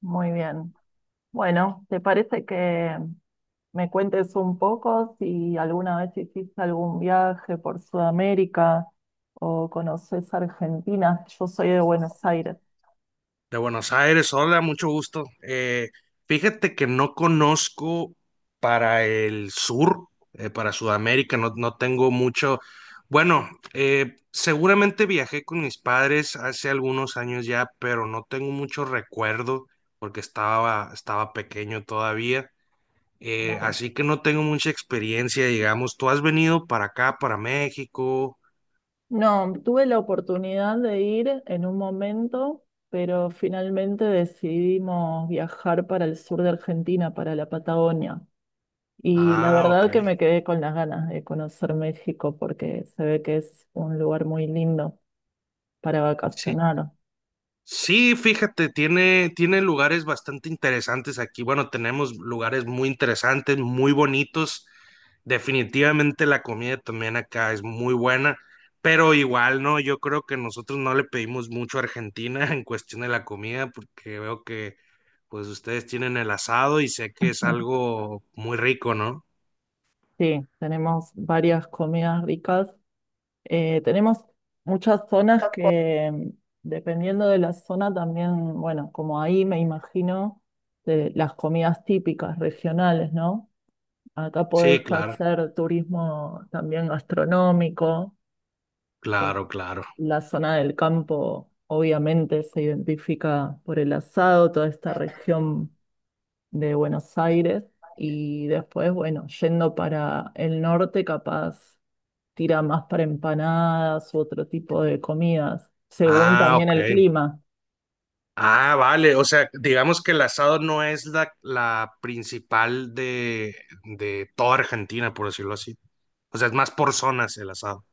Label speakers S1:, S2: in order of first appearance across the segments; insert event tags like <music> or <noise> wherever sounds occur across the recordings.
S1: Muy bien. Bueno, ¿te parece que me cuentes un poco si alguna vez hiciste algún viaje por Sudamérica o conoces Argentina? Yo soy de Buenos Aires.
S2: De Buenos Aires, hola, mucho gusto. Fíjate que no conozco para el sur, para Sudamérica, no, no tengo mucho. Bueno, seguramente viajé con mis padres hace algunos años ya, pero no tengo mucho recuerdo porque estaba pequeño todavía. Eh,
S1: Claro.
S2: así que no tengo mucha experiencia, digamos. ¿Tú has venido para acá, para México?
S1: No, tuve la oportunidad de ir en un momento, pero finalmente decidimos viajar para el sur de Argentina, para la Patagonia. Y la
S2: Ah, ok.
S1: verdad que
S2: No,
S1: me quedé con las ganas de conocer México porque se ve que es un lugar muy lindo para
S2: sí,
S1: vacacionar.
S2: sí, fíjate, tiene lugares bastante interesantes aquí. Bueno, tenemos lugares muy interesantes, muy bonitos. Definitivamente la comida también acá es muy buena, pero igual, ¿no? Yo creo que nosotros no le pedimos mucho a Argentina <laughs> en cuestión de la comida, porque veo que pues ustedes tienen el asado y sé que es algo muy rico, ¿no?
S1: Sí, tenemos varias comidas ricas. Tenemos muchas zonas que, mm, dependiendo de la zona, también, bueno, como ahí me imagino, de las comidas típicas regionales, ¿no? Acá podés
S2: Sí, claro,
S1: hacer turismo también gastronómico. Eh,
S2: claro, claro.
S1: la zona del campo, obviamente, se identifica por el asado, toda esta región de Buenos Aires y después, bueno, yendo para el norte, capaz tira más para empanadas u otro tipo de comidas, según
S2: Ah,
S1: también
S2: ok.
S1: el clima.
S2: Ah, vale, o sea, digamos que el asado no es la principal de toda Argentina, por decirlo así. O sea, es más por zonas el asado.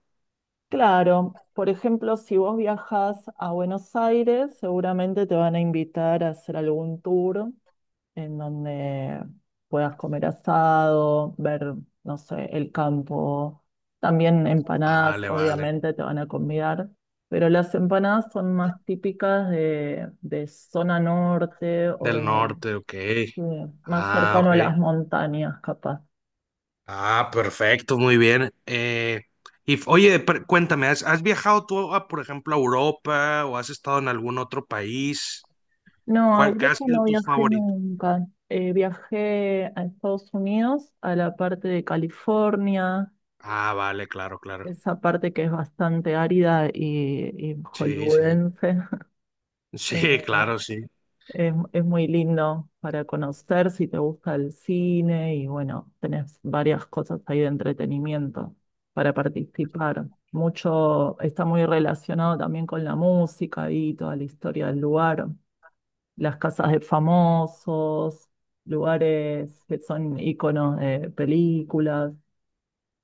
S1: Claro, por ejemplo, si vos viajas a Buenos Aires, seguramente te van a invitar a hacer algún tour en donde puedas comer asado, ver, no sé, el campo. También empanadas,
S2: Vale, vale.
S1: obviamente, te van a convidar, pero las empanadas son más típicas de zona norte o
S2: Del
S1: de,
S2: norte, ok.
S1: de más
S2: Ah,
S1: cercano
S2: ok.
S1: a las montañas, capaz.
S2: Ah, perfecto, muy bien. Oye, cuéntame, has viajado tú, a, por ejemplo, a Europa o has estado en algún otro país?
S1: No, a
S2: ¿Cuál, qué has
S1: Europa
S2: sido
S1: no
S2: tus
S1: viajé
S2: favoritos?
S1: nunca. Viajé a Estados Unidos, a la parte de California,
S2: Ah, vale, claro, claro.
S1: esa parte que es bastante árida y
S2: Sí, sí. <laughs>
S1: hollywoodense.
S2: Sí,
S1: <laughs>
S2: claro, sí.
S1: Es muy lindo para conocer si te gusta el cine y bueno, tenés varias cosas ahí de entretenimiento para participar. Mucho está muy relacionado también con la música y toda la historia del lugar, las casas de famosos, lugares que son iconos de películas,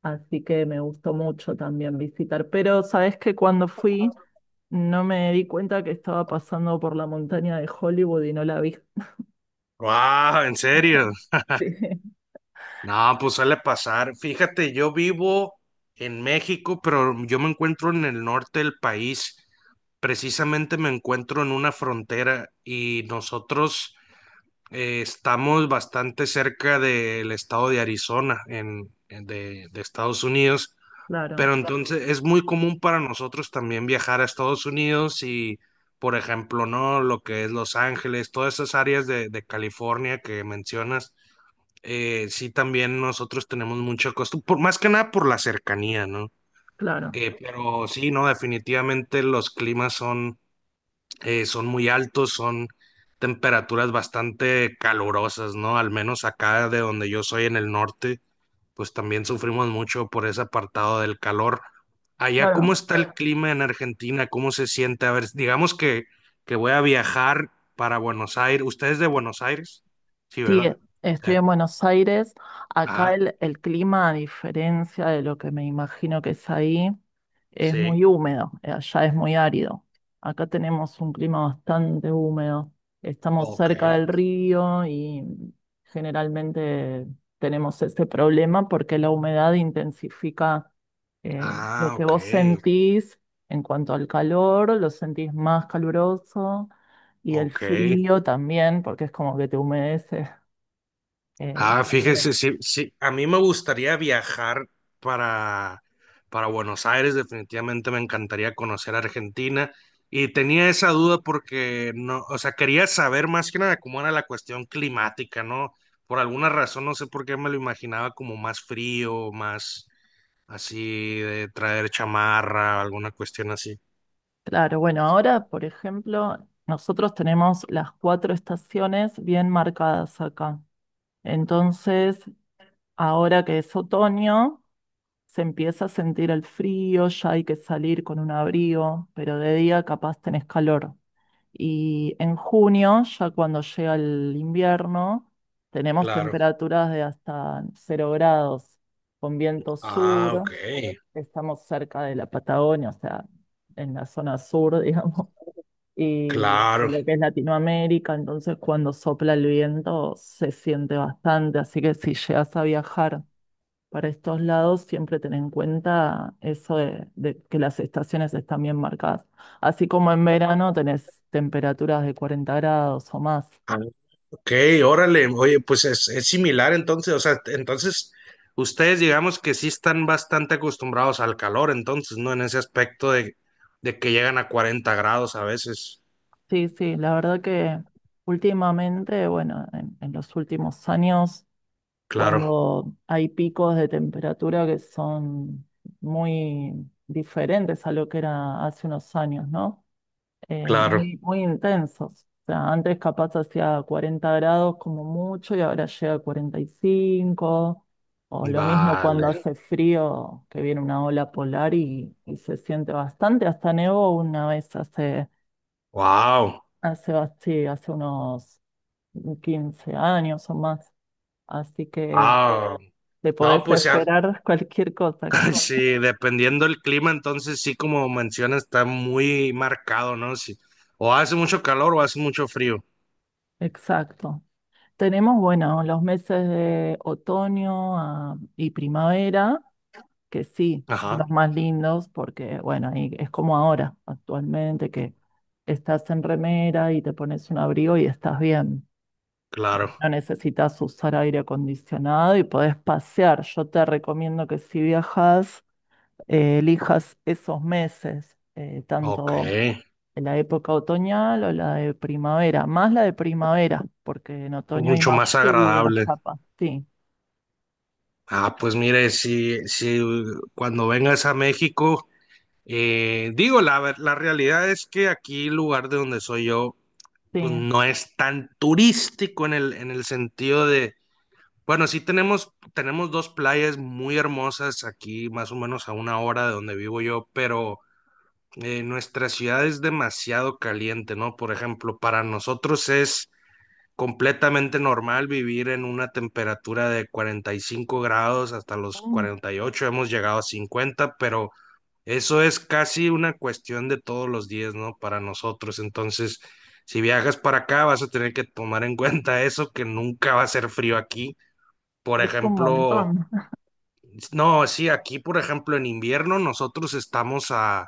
S1: así que me gustó mucho también visitar. Pero sabes que cuando fui no me di cuenta que estaba pasando por la montaña de Hollywood y no la vi.
S2: Wow, ¿en serio?
S1: Sí, <laughs>
S2: No, pues suele pasar. Fíjate, yo vivo en México, pero yo me encuentro en el norte del país. Precisamente me encuentro en una frontera y nosotros estamos bastante cerca del estado de Arizona, de Estados Unidos.
S1: claro,
S2: Pero entonces es muy común para nosotros también viajar a Estados Unidos y, por ejemplo, ¿no? Lo que es Los Ángeles, todas esas áreas de California que mencionas, sí, también nosotros tenemos mucho costo, por, más que nada por la cercanía, ¿no?
S1: claro,
S2: Pero sí, no, definitivamente los climas son, son muy altos, son temperaturas bastante calurosas, ¿no? Al menos acá de donde yo soy en el norte, pues también sufrimos mucho por ese apartado del calor. Allá, ¿cómo
S1: claro.
S2: está el clima en Argentina? ¿Cómo se siente? A ver, digamos que, voy a viajar para Buenos Aires. ¿Usted es de Buenos Aires? Sí,
S1: Sí,
S2: ¿verdad?
S1: estoy
S2: Eh,
S1: en Buenos Aires. Acá
S2: ajá,
S1: el clima, a diferencia de lo que me imagino que es ahí, es muy
S2: sí.
S1: húmedo. Allá es muy árido. Acá tenemos un clima bastante húmedo. Estamos
S2: Ok.
S1: cerca del río y generalmente tenemos ese problema porque la humedad intensifica lo
S2: Ah,
S1: que
S2: ok.
S1: vos sentís en cuanto al calor, lo sentís más caluroso y el
S2: Ok.
S1: frío también, porque es como que te humedece. Eh,
S2: Ah,
S1: también el-
S2: fíjese, sí, sí. A mí me gustaría viajar para, para Buenos Aires. Definitivamente me encantaría conocer Argentina. Y tenía esa duda porque no, o sea, quería saber más que nada cómo era la cuestión climática, ¿no? Por alguna razón, no sé por qué me lo imaginaba como más frío, más así de traer chamarra, alguna cuestión así.
S1: claro, bueno, ahora, por ejemplo, nosotros tenemos las cuatro estaciones bien marcadas acá. Entonces, ahora que es otoño, se empieza a sentir el frío, ya hay que salir con un abrigo, pero de día capaz tenés calor. Y en junio, ya cuando llega el invierno, tenemos
S2: Claro.
S1: temperaturas de hasta 0 grados, con viento
S2: Ah,
S1: sur.
S2: ok.
S1: Estamos cerca de la Patagonia, o sea, en la zona sur, <laughs> digamos, y de
S2: Claro.
S1: lo que es Latinoamérica, entonces cuando sopla el viento se siente bastante, así que si llegas a viajar para estos lados, siempre ten en cuenta eso de que las estaciones están bien marcadas. Así como en verano tenés temperaturas de 40 grados o más.
S2: Ok, órale, oye, pues es similar entonces, o sea, entonces ustedes digamos que sí están bastante acostumbrados al calor, entonces, ¿no? En ese aspecto de, que llegan a 40 grados a veces.
S1: Sí, sí, la verdad que últimamente, bueno, en los últimos años
S2: Claro,
S1: cuando hay picos de temperatura que son muy diferentes a lo que era hace unos años, ¿no?
S2: claro.
S1: Muy, muy intensos. O sea, antes capaz hacía 40 grados como mucho y ahora llega a 45, o lo mismo cuando
S2: Vale.
S1: hace frío, que viene una ola polar y se siente bastante. Hasta nevó una vez
S2: Wow.
S1: hace unos 15 años o más. Así que
S2: Wow.
S1: te
S2: No,
S1: podés
S2: pues
S1: esperar cualquier cosa acá.
S2: <laughs> sí, dependiendo del clima, entonces sí, como mencionas, está muy marcado, ¿no? Sí. O hace mucho calor o hace mucho frío.
S1: <laughs> Exacto. Tenemos, bueno, los meses de otoño, ah, y primavera, que sí, son
S2: Ajá,
S1: los más lindos porque, bueno, ahí es como ahora, actualmente, que estás en remera y te pones un abrigo y estás bien.
S2: claro.
S1: No necesitas usar aire acondicionado y podés pasear. Yo te recomiendo que si viajas, elijas esos meses,
S2: Ok.
S1: tanto la época otoñal o la de primavera, más la de primavera, porque en otoño hay
S2: Mucho
S1: más
S2: más
S1: lluvia,
S2: agradable.
S1: chapa. Sí,
S2: Ah, pues mire, si cuando vengas a México, digo, la realidad es que aquí el lugar de donde soy yo
S1: sí.
S2: pues no es tan turístico en en el sentido de, bueno, sí tenemos dos playas muy hermosas aquí, más o menos a una hora de donde vivo yo, pero nuestra ciudad es demasiado caliente, ¿no? Por ejemplo, para nosotros es completamente normal vivir en una temperatura de 45 grados hasta los
S1: Mm,
S2: 48, hemos llegado a 50, pero eso es casi una cuestión de todos los días, ¿no? Para nosotros. Entonces, si viajas para acá, vas a tener que tomar en <laughs> cuenta eso, que nunca va a ser frío aquí. Por
S1: es un
S2: ejemplo,
S1: montón. <laughs>
S2: no, sí, aquí, por ejemplo, en invierno nosotros estamos a...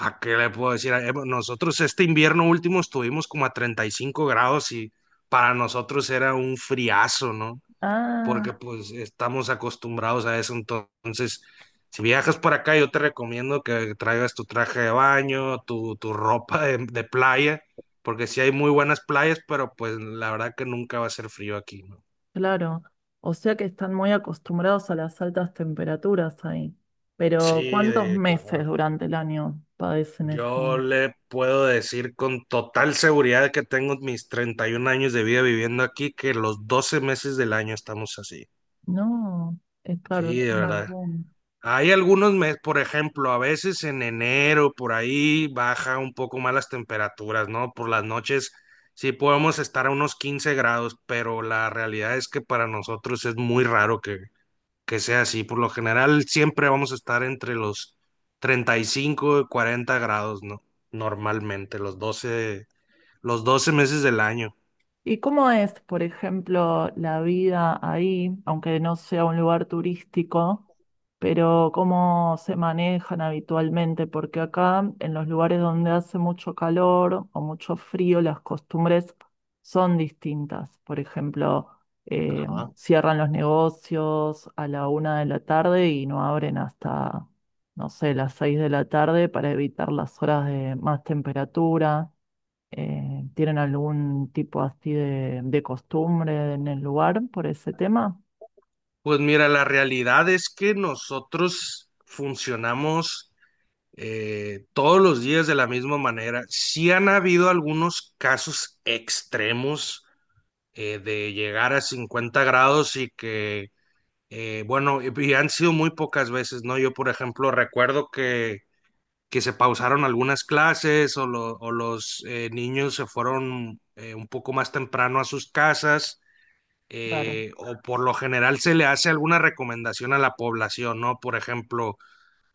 S2: ¿a qué le puedo decir? Bueno, nosotros este invierno último estuvimos como a 35 grados y para nosotros era un friazo, ¿no?
S1: Ah,
S2: Porque pues estamos acostumbrados a eso. Entonces, si viajas por acá, yo te recomiendo que traigas tu traje de baño, tu ropa de playa, porque sí hay muy buenas playas, pero pues la verdad que nunca va a ser frío aquí, ¿no?
S1: claro. O sea que están muy acostumbrados a las altas temperaturas ahí. Pero
S2: Sí,
S1: ¿cuántos meses
S2: claro.
S1: durante el año padecen
S2: Yo
S1: eso?
S2: le puedo decir con total seguridad que tengo mis 31 años de vida viviendo aquí, que los 12 meses del año estamos así.
S1: No, es claro,
S2: Sí,
S1: es
S2: de
S1: un
S2: verdad.
S1: montón.
S2: Hay algunos meses, por ejemplo, a veces en enero, por ahí baja un poco más las temperaturas, ¿no? Por las noches sí podemos estar a unos 15 grados, pero la realidad es que para nosotros es muy raro que sea así. Por lo general, siempre vamos a estar entre los 35 y 40 grados, ¿no? Normalmente, los 12 meses del año.
S1: ¿Y cómo es, por ejemplo, la vida ahí, aunque no sea un lugar turístico, pero cómo se manejan habitualmente? Porque acá, en los lugares donde hace mucho calor o mucho frío, las costumbres son distintas. Por ejemplo, eh,
S2: Ajá.
S1: cierran los negocios a la una de la tarde y no abren hasta, no sé, las seis de la tarde para evitar las horas de más temperatura. ¿Tienen algún tipo así de costumbre en el lugar por ese tema?
S2: Pues mira, la realidad es que nosotros funcionamos, todos los días, de la misma manera. Sí han habido algunos casos extremos, de llegar a 50 grados, y que, bueno, y han sido muy pocas veces, ¿no? Yo, por ejemplo, recuerdo que se pausaron algunas clases, o, o los, niños se fueron, un poco más temprano a sus casas,
S1: Claro,
S2: o por lo general se le hace alguna recomendación a la población, ¿no? Por ejemplo,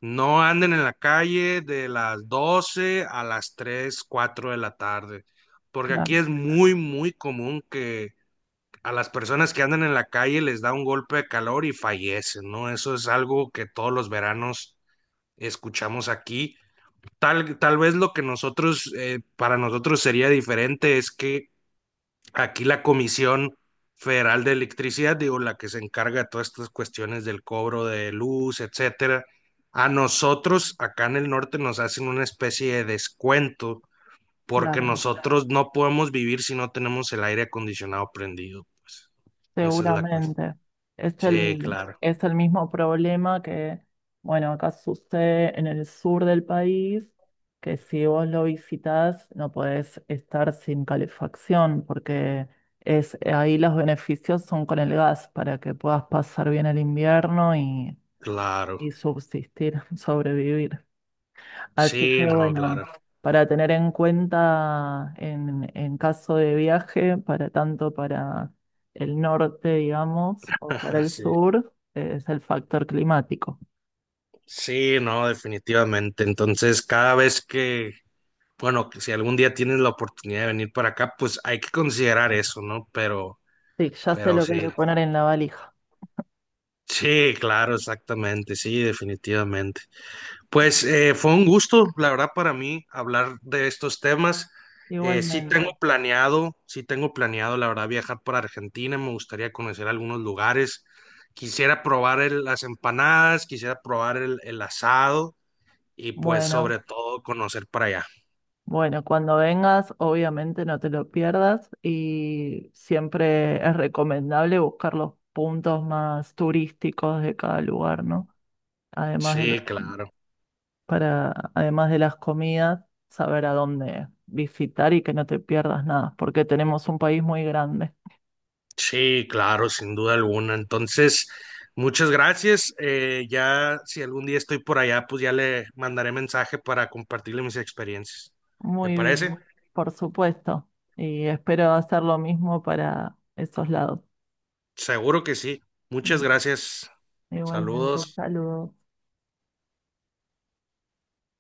S2: no anden en la calle de las 12 a las 3 4 de la tarde, porque
S1: claro,
S2: aquí es muy, muy común que a las personas que andan en la calle les da un golpe de calor y fallecen, ¿no? Eso es algo que todos los veranos escuchamos aquí. Tal vez lo que nosotros, para nosotros sería diferente es que aquí la Comisión Federal de Electricidad, digo, la que se encarga de todas estas cuestiones del cobro de luz, etcétera, a nosotros acá en el norte nos hacen una especie de descuento porque
S1: claro,
S2: nosotros no podemos vivir si no tenemos el aire acondicionado prendido, pues. Esa es la cuestión.
S1: seguramente. Es
S2: Sí, claro,
S1: es el mismo problema que, bueno, acá sucede en el sur del país, que si vos lo visitas no podés estar sin calefacción, porque es, ahí los beneficios son con el gas, para que puedas pasar bien el invierno
S2: claro.
S1: y subsistir, <laughs> sobrevivir. Así
S2: Sí,
S1: que
S2: no,
S1: bueno,
S2: claro.
S1: para tener en cuenta en caso de viaje, para tanto para el norte, digamos, o para
S2: <laughs>
S1: el
S2: Sí.
S1: sur, es el factor climático.
S2: Sí, no, definitivamente. Entonces, cada vez que, bueno, que si algún día tienes la oportunidad de venir para acá, pues hay que considerar eso, ¿no? Pero,
S1: Sí, ya sé
S2: pero
S1: lo que hay
S2: sí.
S1: que poner en la valija.
S2: Sí, claro, exactamente, sí, definitivamente. Pues, fue un gusto, la verdad, para mí hablar de estos temas. Sí tengo
S1: Igualmente.
S2: planeado, sí tengo planeado, la verdad, viajar para Argentina. Me gustaría conocer algunos lugares. Quisiera probar las empanadas, quisiera probar el asado y pues sobre
S1: Bueno,
S2: todo conocer para allá.
S1: bueno, cuando vengas, obviamente no te lo pierdas y siempre es recomendable buscar los puntos más turísticos de cada lugar, ¿no? Además
S2: Sí,
S1: de
S2: claro.
S1: para, además de las comidas, saber a dónde visitar y que no te pierdas nada, porque tenemos un país muy grande.
S2: Sí, claro, sin duda alguna. Entonces, muchas gracias. Ya si algún día estoy por allá, pues ya le mandaré mensaje para compartirle mis experiencias. ¿Me
S1: Muy
S2: parece?
S1: bien, por supuesto. Y espero hacer lo mismo para esos lados.
S2: Seguro que sí. Muchas gracias.
S1: Igualmente,
S2: Saludos.
S1: saludos.